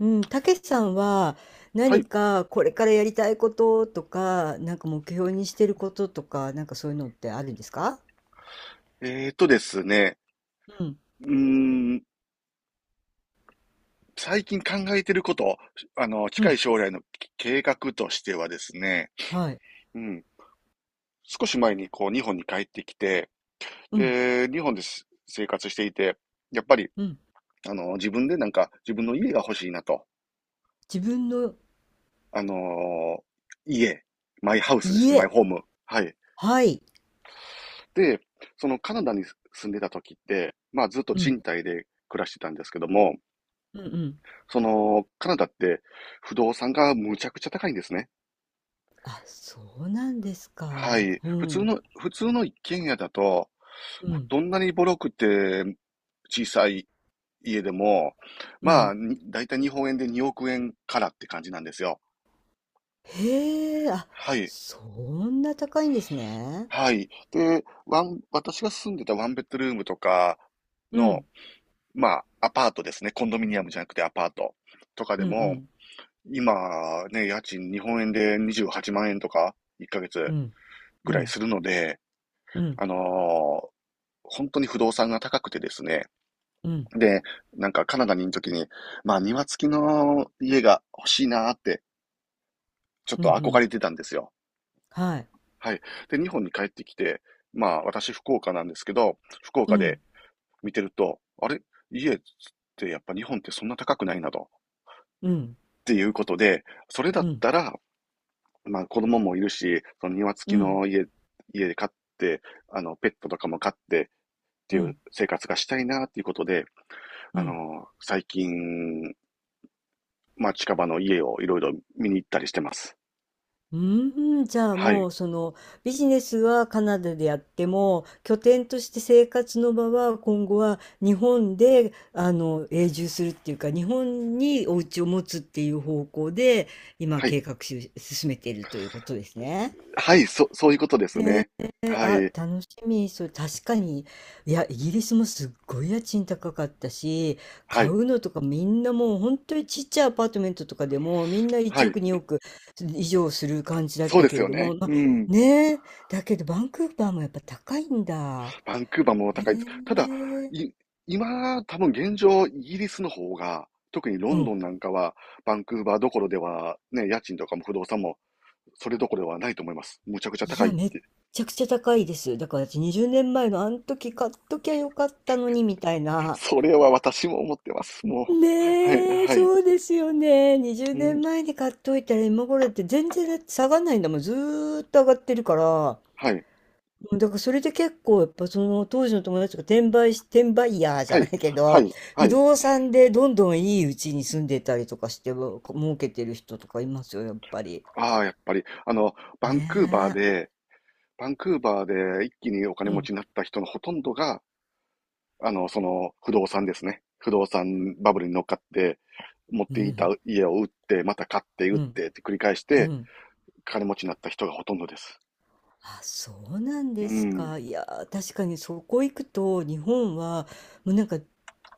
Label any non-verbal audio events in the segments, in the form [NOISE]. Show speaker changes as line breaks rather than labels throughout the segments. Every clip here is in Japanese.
うん、たけしさんは
はい。
何かこれからやりたいこととか、なんか目標にしてることとか、なんかそういうのってあるんですか？
ですね。
うん、
うーん、最近考えてること、
う
近い
ん、
将来の計画としてはですね、
はい、
うん、少し前にこう、日本に帰ってきて、
うん、
で、日本です生活していて、やっぱり、
うん。
自分でなんか、自分の家が欲しいなと。
自分の
あのー家、マイハウスですね、マ
家、
イホーム。はい。
はい、
で、そのカナダに住んでた時って、まあずっと
うん、
賃貸で暮らしてたんですけども、
うん、うん。
その、カナダって不動産がむちゃくちゃ高いんですね。
あ、そうなんです
は
か。
い。
う
普通
ん、
の、普通の一軒家だと、
うん、
どんなにボロくて小さい家でも、
うん。
だいたい日本円で2億円からって感じなんですよ。
へえ、あ、
はい。
そんな高いんですね。
はい。で、私が住んでたワンベッドルームとか
う
の、
ん、
まあ、アパートですね。コンドミニアムじゃなくてアパートとかで
うん、う
も、
ん、
今ね、家賃日本円で28万円とか1ヶ
う
月
ん、う
ぐらい
ん、
するので、
うん、
あのー本当に不動産が高くてですね。
うん、
で、なんかカナダにいる時に、まあ庭付きの家が欲しいなーって、ちょっ
うん、う
と憧
ん
れてたんですよ。
はい、
はい。で、日本に帰ってきて、まあ私福岡なんですけど、福
う
岡
ん、
で見てると、あれ家ってやっぱ日本ってそんな高くないなと。
うん、
っていうことで、それだ
う
っ
ん。
たら、まあ子供もいるし、その庭
う
付き
ん
の家、家で飼って、あのペットとかも飼ってっ
う
ていう
ん、
生活がしたいなっていうことで、
う
あ
ん。
の、最近、まあ、近場の家をいろいろ見に行ったりしてます。
うーん、じゃあ
は
も
い。
うそのビジネスはカナダでやっても、拠点として生活の場は今後は日本で、あの、永住するっていうか日本にお家を持つっていう方向で今
はい。
計画し進めているということですね。
はい、そういうことですね。は
あ、
い。
楽しみ。そう、確かに。いや、イギリスもすっごい家賃高かったし、
は
買
い。
うのとかみんなもう本当にちっちゃいアパートメントとかでもみんな
は
1
い。
億、2億以上する感じだっ
そう
た
で
け
す
れ
よ
ども、
ね。
まあ、
うん。
ねえ、だけどバンクーバーもやっぱ高いんだ。
バンクーバーも
へ
高いです。ただ、
え、
い、今、多分現状、イギリスの方が、特にロ
う
ン
ん。
ドンなんかは、バンクーバーどころでは、ね、家賃とかも不動産も、それどころではないと思います。むちゃくちゃ
い
高い
や、
っ
めっ
て。
ちゃくちゃ高いです。だから私20年前のあの時買っときゃよかったのにみたいな。
それは私も思ってます。もう。はい、
ねえ、
はい。
そうですよね。20
うん、
年前に買っといたら今頃だって、全然だって下がんないんだもん。ずーっと上がってるから。
はい、
うん、だからそれで結構やっぱその当時の友達が、転売ヤーじ
は
ゃな
い、
いけ
は
ど、
い、は
不
い。
動産でどんどんいいうちに住んでたりとかしても儲けてる人とかいますよ、やっぱり。
ああ、やっぱり、あの、バン
ね
クーバーで、バンクーバーで一気にお
え。
金
う
持ち
ん、
になった人のほとんどが、その、不動産ですね。不動産バブルに乗っかって、持っ
う
ていた
ん、
家を売って、また買って売
う
っ
ん、
てって繰り返し
う
て、
ん。
金持ちになった人がほとんどです。
あ、そうなんで
う
す
ん。
か。いやー、確かにそこ行くと、日本は、もうなんか、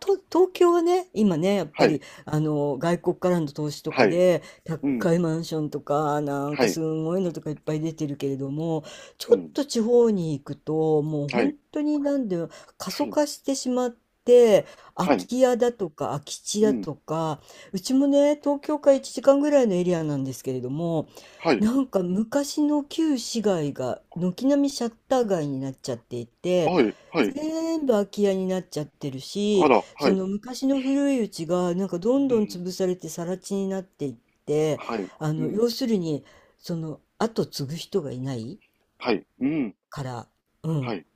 東京はね、今ね、やっ
は
ぱ
い。
り、あの、外国からの投資と
は
か
い。
で、
うん。
高いマンションとか、なん
は
かす
い。
ごいのとかいっぱい出てるけれども、ち
う
ょっ
ん。
と地方に行くと、もう
は
本
い。
当になんで、過
は
疎
い。
化してしまって、空
はい。
き家だとか空き地
う
だ
ん。
とか、うちもね、東京から1時間ぐらいのエリアなんですけれども、
はい。
なんか昔の旧市街が軒並みシャッター街になっちゃっていて、
はい。はい。
全部空き家になっちゃってる
あ
し、
ら、は
そ
い。
の昔の古いうちがなんかどん
う
どん
ん。
潰されて更地になっていって、
はい。
あ
う
の、
ん。
要するにその後継ぐ人がいない
はい。うん。
から、う
は
ん、
い。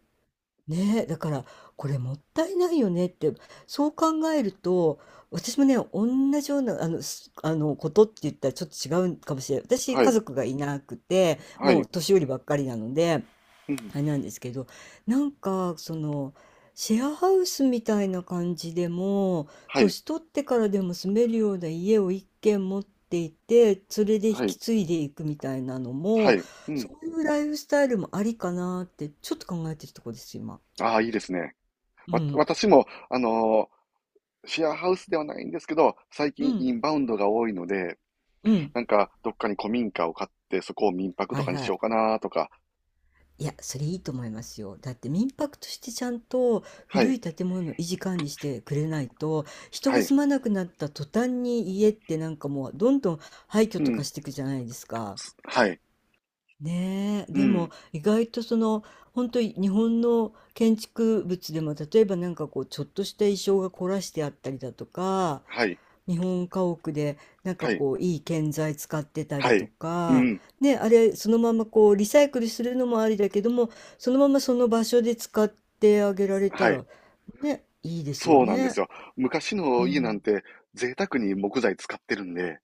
ねえ、だから、これもったいないよねって。そう考えると、私もね、同じような、あの、ことって言ったらちょっと違うかもしれない。私、
は
家
い。
族がいなくて、
は
もう
い。
年寄りばっかりなので、
うん。
あれなんですけど、なんか、その、シェアハウスみたいな感じでも、
はい。
年取ってからでも住めるような家を一軒持っていて、それで引
はい。
き継いでいくみたいなの
は
も、
い。うん。
そういうライフスタイルもありかなって、ちょっと考えてるところです、今。
ああ、いいですね。
うん、
私も、シェアハウスではないんですけど、最
う
近
ん、
インバウンドが多いので、
うん。
なんかどっかに古民家を買って、そこを民泊
は
と
い
かに
は
しよう
い。
かなとか。
いや、それいいと思いますよ。だって民泊としてちゃんと
は
古
い。
い建物の維持管理してくれないと、人
は
が
い。
住まなくなった途端に家ってなんかもうどんどん廃墟
う
とか
ん。
していくじゃないですか。
はい。
ねえ、
う
でも
ん。
意外と、その、本当に日本の建築物でも、例えばなんかこうちょっとした意匠が凝らしてあったりだとか、
はい。
日本家屋でなんか
はい。
こういい建材使ってたり
は
と
い。う
か、
ん。
ね、あれそのままこうリサイクルするのもありだけども、そのままその場所で使ってあげられた
はい。
らね、いいですよ
そうなんです
ね。
よ。昔
う
の家なん
ん、
て贅沢に木材使ってるんで、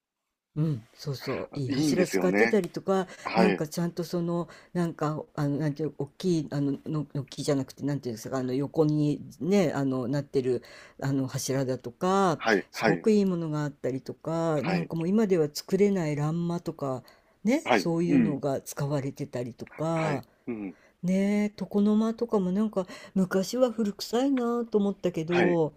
うん、そうそう、いい
いいんで
柱
す
使
よ
って
ね。
たりとか、
は
なん
い。
かちゃんとその、なんか、あの、なんていう、大きい、あの、の木じゃなくて、なんていうんですか、あの、横にね、あの、なってる、あの、柱だとか、
はい。
す
は
ご
い。
くいいものがあったりとか、
は
なん
い。
かもう今では作れない欄間とか、ね、
はい。
そう
う
いう
ん。
のが使われてたりと
はい。
か、
うん。
ね、床の間とかもなんか、昔は古臭いなと思ったけ
はい。
ど、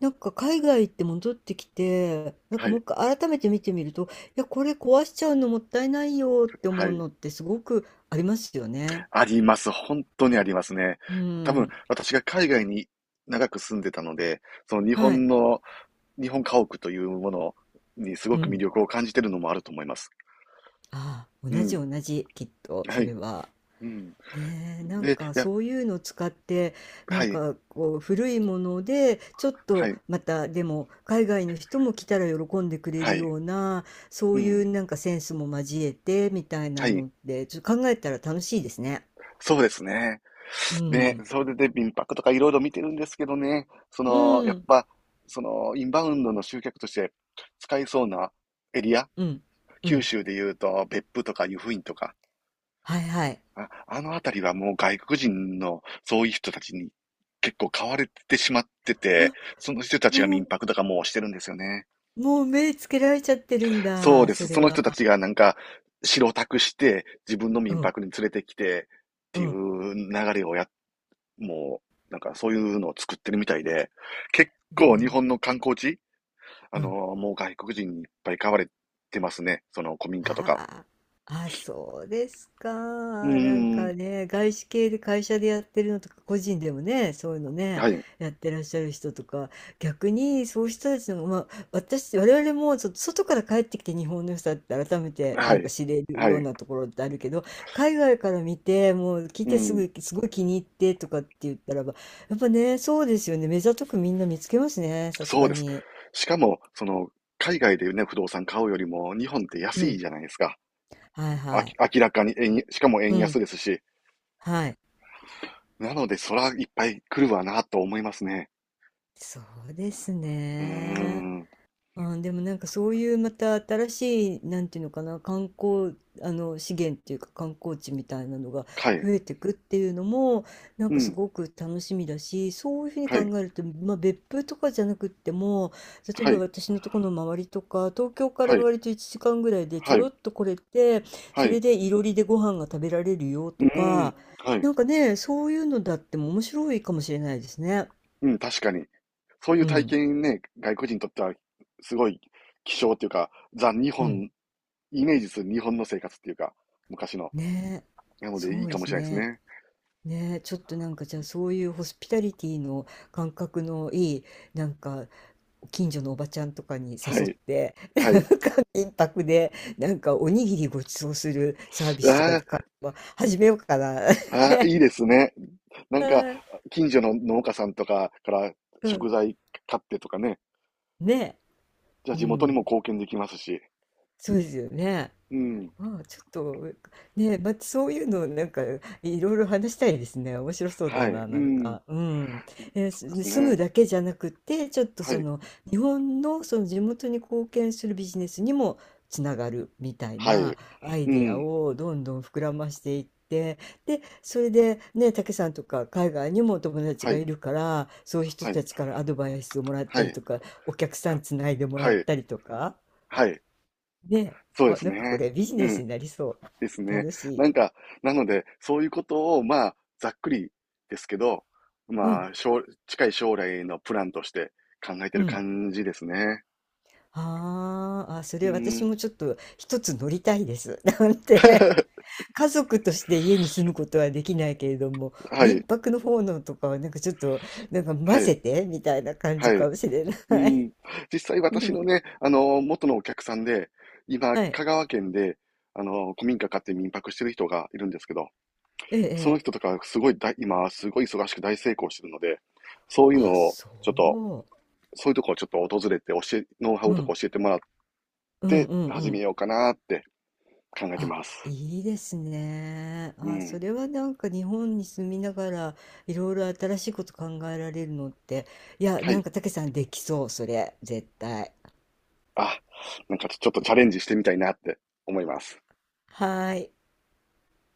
なんか海外行って戻ってきて、なんか
は
もう
い。
一回改めて見てみると、いや、これ壊しちゃうのもったいないよって
は
思う
い。
のってすごくありますよね。
あります。本当にありますね。
う
多分、
ん。
私が海外に長く住んでたので、その日
は
本
い。
の、日本家屋というものにす
う
ごく魅
ん。
力を感じてるのもあると思います。
ああ、同
う
じ
ん。
同じ、きっと、
は
それ
い。
は。
うん。
ねえ、なん
で、
か
や、
そういうのを使って、な
は
ん
い。
かこう古いもので、ちょっ
は
と
い。
またでも海外の人も来たら喜んでくれ
は
る
い。
ような、そ
う
ういう
ん。
なんかセンスも交えてみたい
は
な
い。
のでちょっと考えたら楽しいですね。
そうですね。
う
で、
ん。
それで民泊とかいろいろ見てるんですけどね、その、
う
やっ
ん。
ぱ、その、インバウンドの集客として使いそうなエリア、
うん。う
九
ん。
州で言うと別府とか湯布院とか、
はいはい。
あのあたりはもう外国人のそういう人たちに結構買われてしまってて、
あ、
その人たちが
もう
民泊とかもうしてるんですよね。
もう目つけられちゃってるん
そう
だ、
で
そ
す。
れ
その
は。
人たちがなんか白タクして自分の
う
民
ん、
泊に連れてきてっ
う
てい
ん。
う流れをや、もうなんかそういうのを作ってるみたいで、結
いやい
構日
や、
本の観光地、
うん。
もう外国人にいっぱい買われてますね。その古民家とか。
ああ、あ、そうですか。
うー
なんか
ん。
ね、外資系で会社でやってるのとか、個人でもね、そういうのね、
はい。
やってらっしゃる人とか、逆にそういう人たちの、まあ、私、我々もちょっと外から帰ってきて日本の良さって改めて
は
なんか
い。
知れる
は
よう
い。
なところってあるけど、海外から見て、もう来
う
てす
ん。
ぐ、すごい気に入ってとかって言ったらば、やっぱね、そうですよね。目ざとくみんな見つけますね、さす
そう
が
です。
に。
しかも、その、海外でね、不動産買うよりも、日本って
う
安い
ん。
じゃないですか。
はいはい。
明らかにしかも
う
円
ん。
安ですし。
はい。
なので、そらいっぱい来るわな、と思いますね。
そうです
うー
ね。
ん。
あ、でもなんかそういうまた新しい、なんていうのかな、観光、あの、資源っていうか観光地みたいなのが
はい。
増えてくっていうのも、なん
う
かす
ん。
ごく楽しみだし、そういうふうに
は
考
い。
えると、まあ別府とかじゃなくっても、例え
は
ば
い。
私のところの周りとか、東京から
はい。
割と1時間ぐらいでち
は
ょろ
い。
っと来れて、
は
そ
い。
れ
う
でいろりでご飯が食べられるよ
ー
と
ん。
か、
はい。
なんかね、そういうのだっても面白いかもしれないですね。
うん、確かに。そういう
う
体
ん。
験ね、外国人にとっては、すごい希少っていうか、ザ・日
うん。
本、イメージする日本の生活っていうか、昔の。
ねえ、
なの
そ
で、いい
うで
かも
す
しれないです
ね。
ね。
ねえ、ちょっとなんかじゃあそういうホスピタリティの感覚のいい、なんか近所のおばちゃんとかに
は
誘っ
い。
て、な
はい。
んか民泊で、なんかおにぎりごちそうするサービスとか
ああ。
からは始めようかな。
ああ、いいですね。なんか、
[LAUGHS]
近所の農家さんとかから
うん。
食材買ってとかね。
ね
じゃあ
え、う
地元に
ん。
も貢献できますし。
そうですよね。
うん。
まあ、ちょっと、ね、またそういうの、なんか、いろいろ話したいですね。面白そうだ
はい。
な、
う
なん
ん。
か。うん。えー
そ
す
うです
住む
ね。
だけじゃなくて、ちょっと
は
そ
い。
の、日本のその地元に貢献するビジネスにもつながるみたい
は
な
い。
アイ
う
デア
ん。
をどんどん膨らましていって、で、それで、ね、竹さんとか海外にもお友達
は
がい
い。
るから、そういう人
はい。
たちからアドバイスをもらっ
は
たり
い。
とか、お客さんつないでも
は
らっ
い。
たりとか。
はい。
ね、
そうで
あ、
す
なんかこ
ね。
れビジ
う
ネス
ん。
になりそ
です
う。
ね。
楽しい。
なんか、なので、そういうことを、まあ、ざっくりですけど、
う
ま
ん、
あ、近い将来のプランとして考えて
う
る
ん。
感じですね。
あーあ、そ
う
れ私
ん。
もちょっと一つ乗りたいです。[LAUGHS] なんて。
[LAUGHS]
[LAUGHS] 家族として家に住むことはできないけれども、
は
民
い。
泊の方のとかはなんかちょっと、なんか混
はい。
ぜてみたいな感
は
じ
い。
かもしれな
う
い。
ん。実際
[LAUGHS] う
私
ん、
のね、あの、元のお客さんで、今、
はい。
香川県で、あの、古民家買って民泊してる人がいるんですけど、
え
その
え。え
人
え、
とかすごい今、すごい忙しく大成功してるので、そういうの
あ、
を、ちょっと、
そ
そういうとこをちょっと訪れてノウハ
う。
ウ
う
とか
ん。
教えてもらっ
うん
て
うんう
始め
ん。
ようかなって考えて
あ、
ます。
いいですね。
う
あ、そ
ん。
れはなんか日本に住みながらいろいろ新しいこと考えられるのって、いや、
は
なん
い。
かたけさんできそう、それ、絶対。
あ、なんかちょっとチャレンジしてみたいなって思います。
はーい。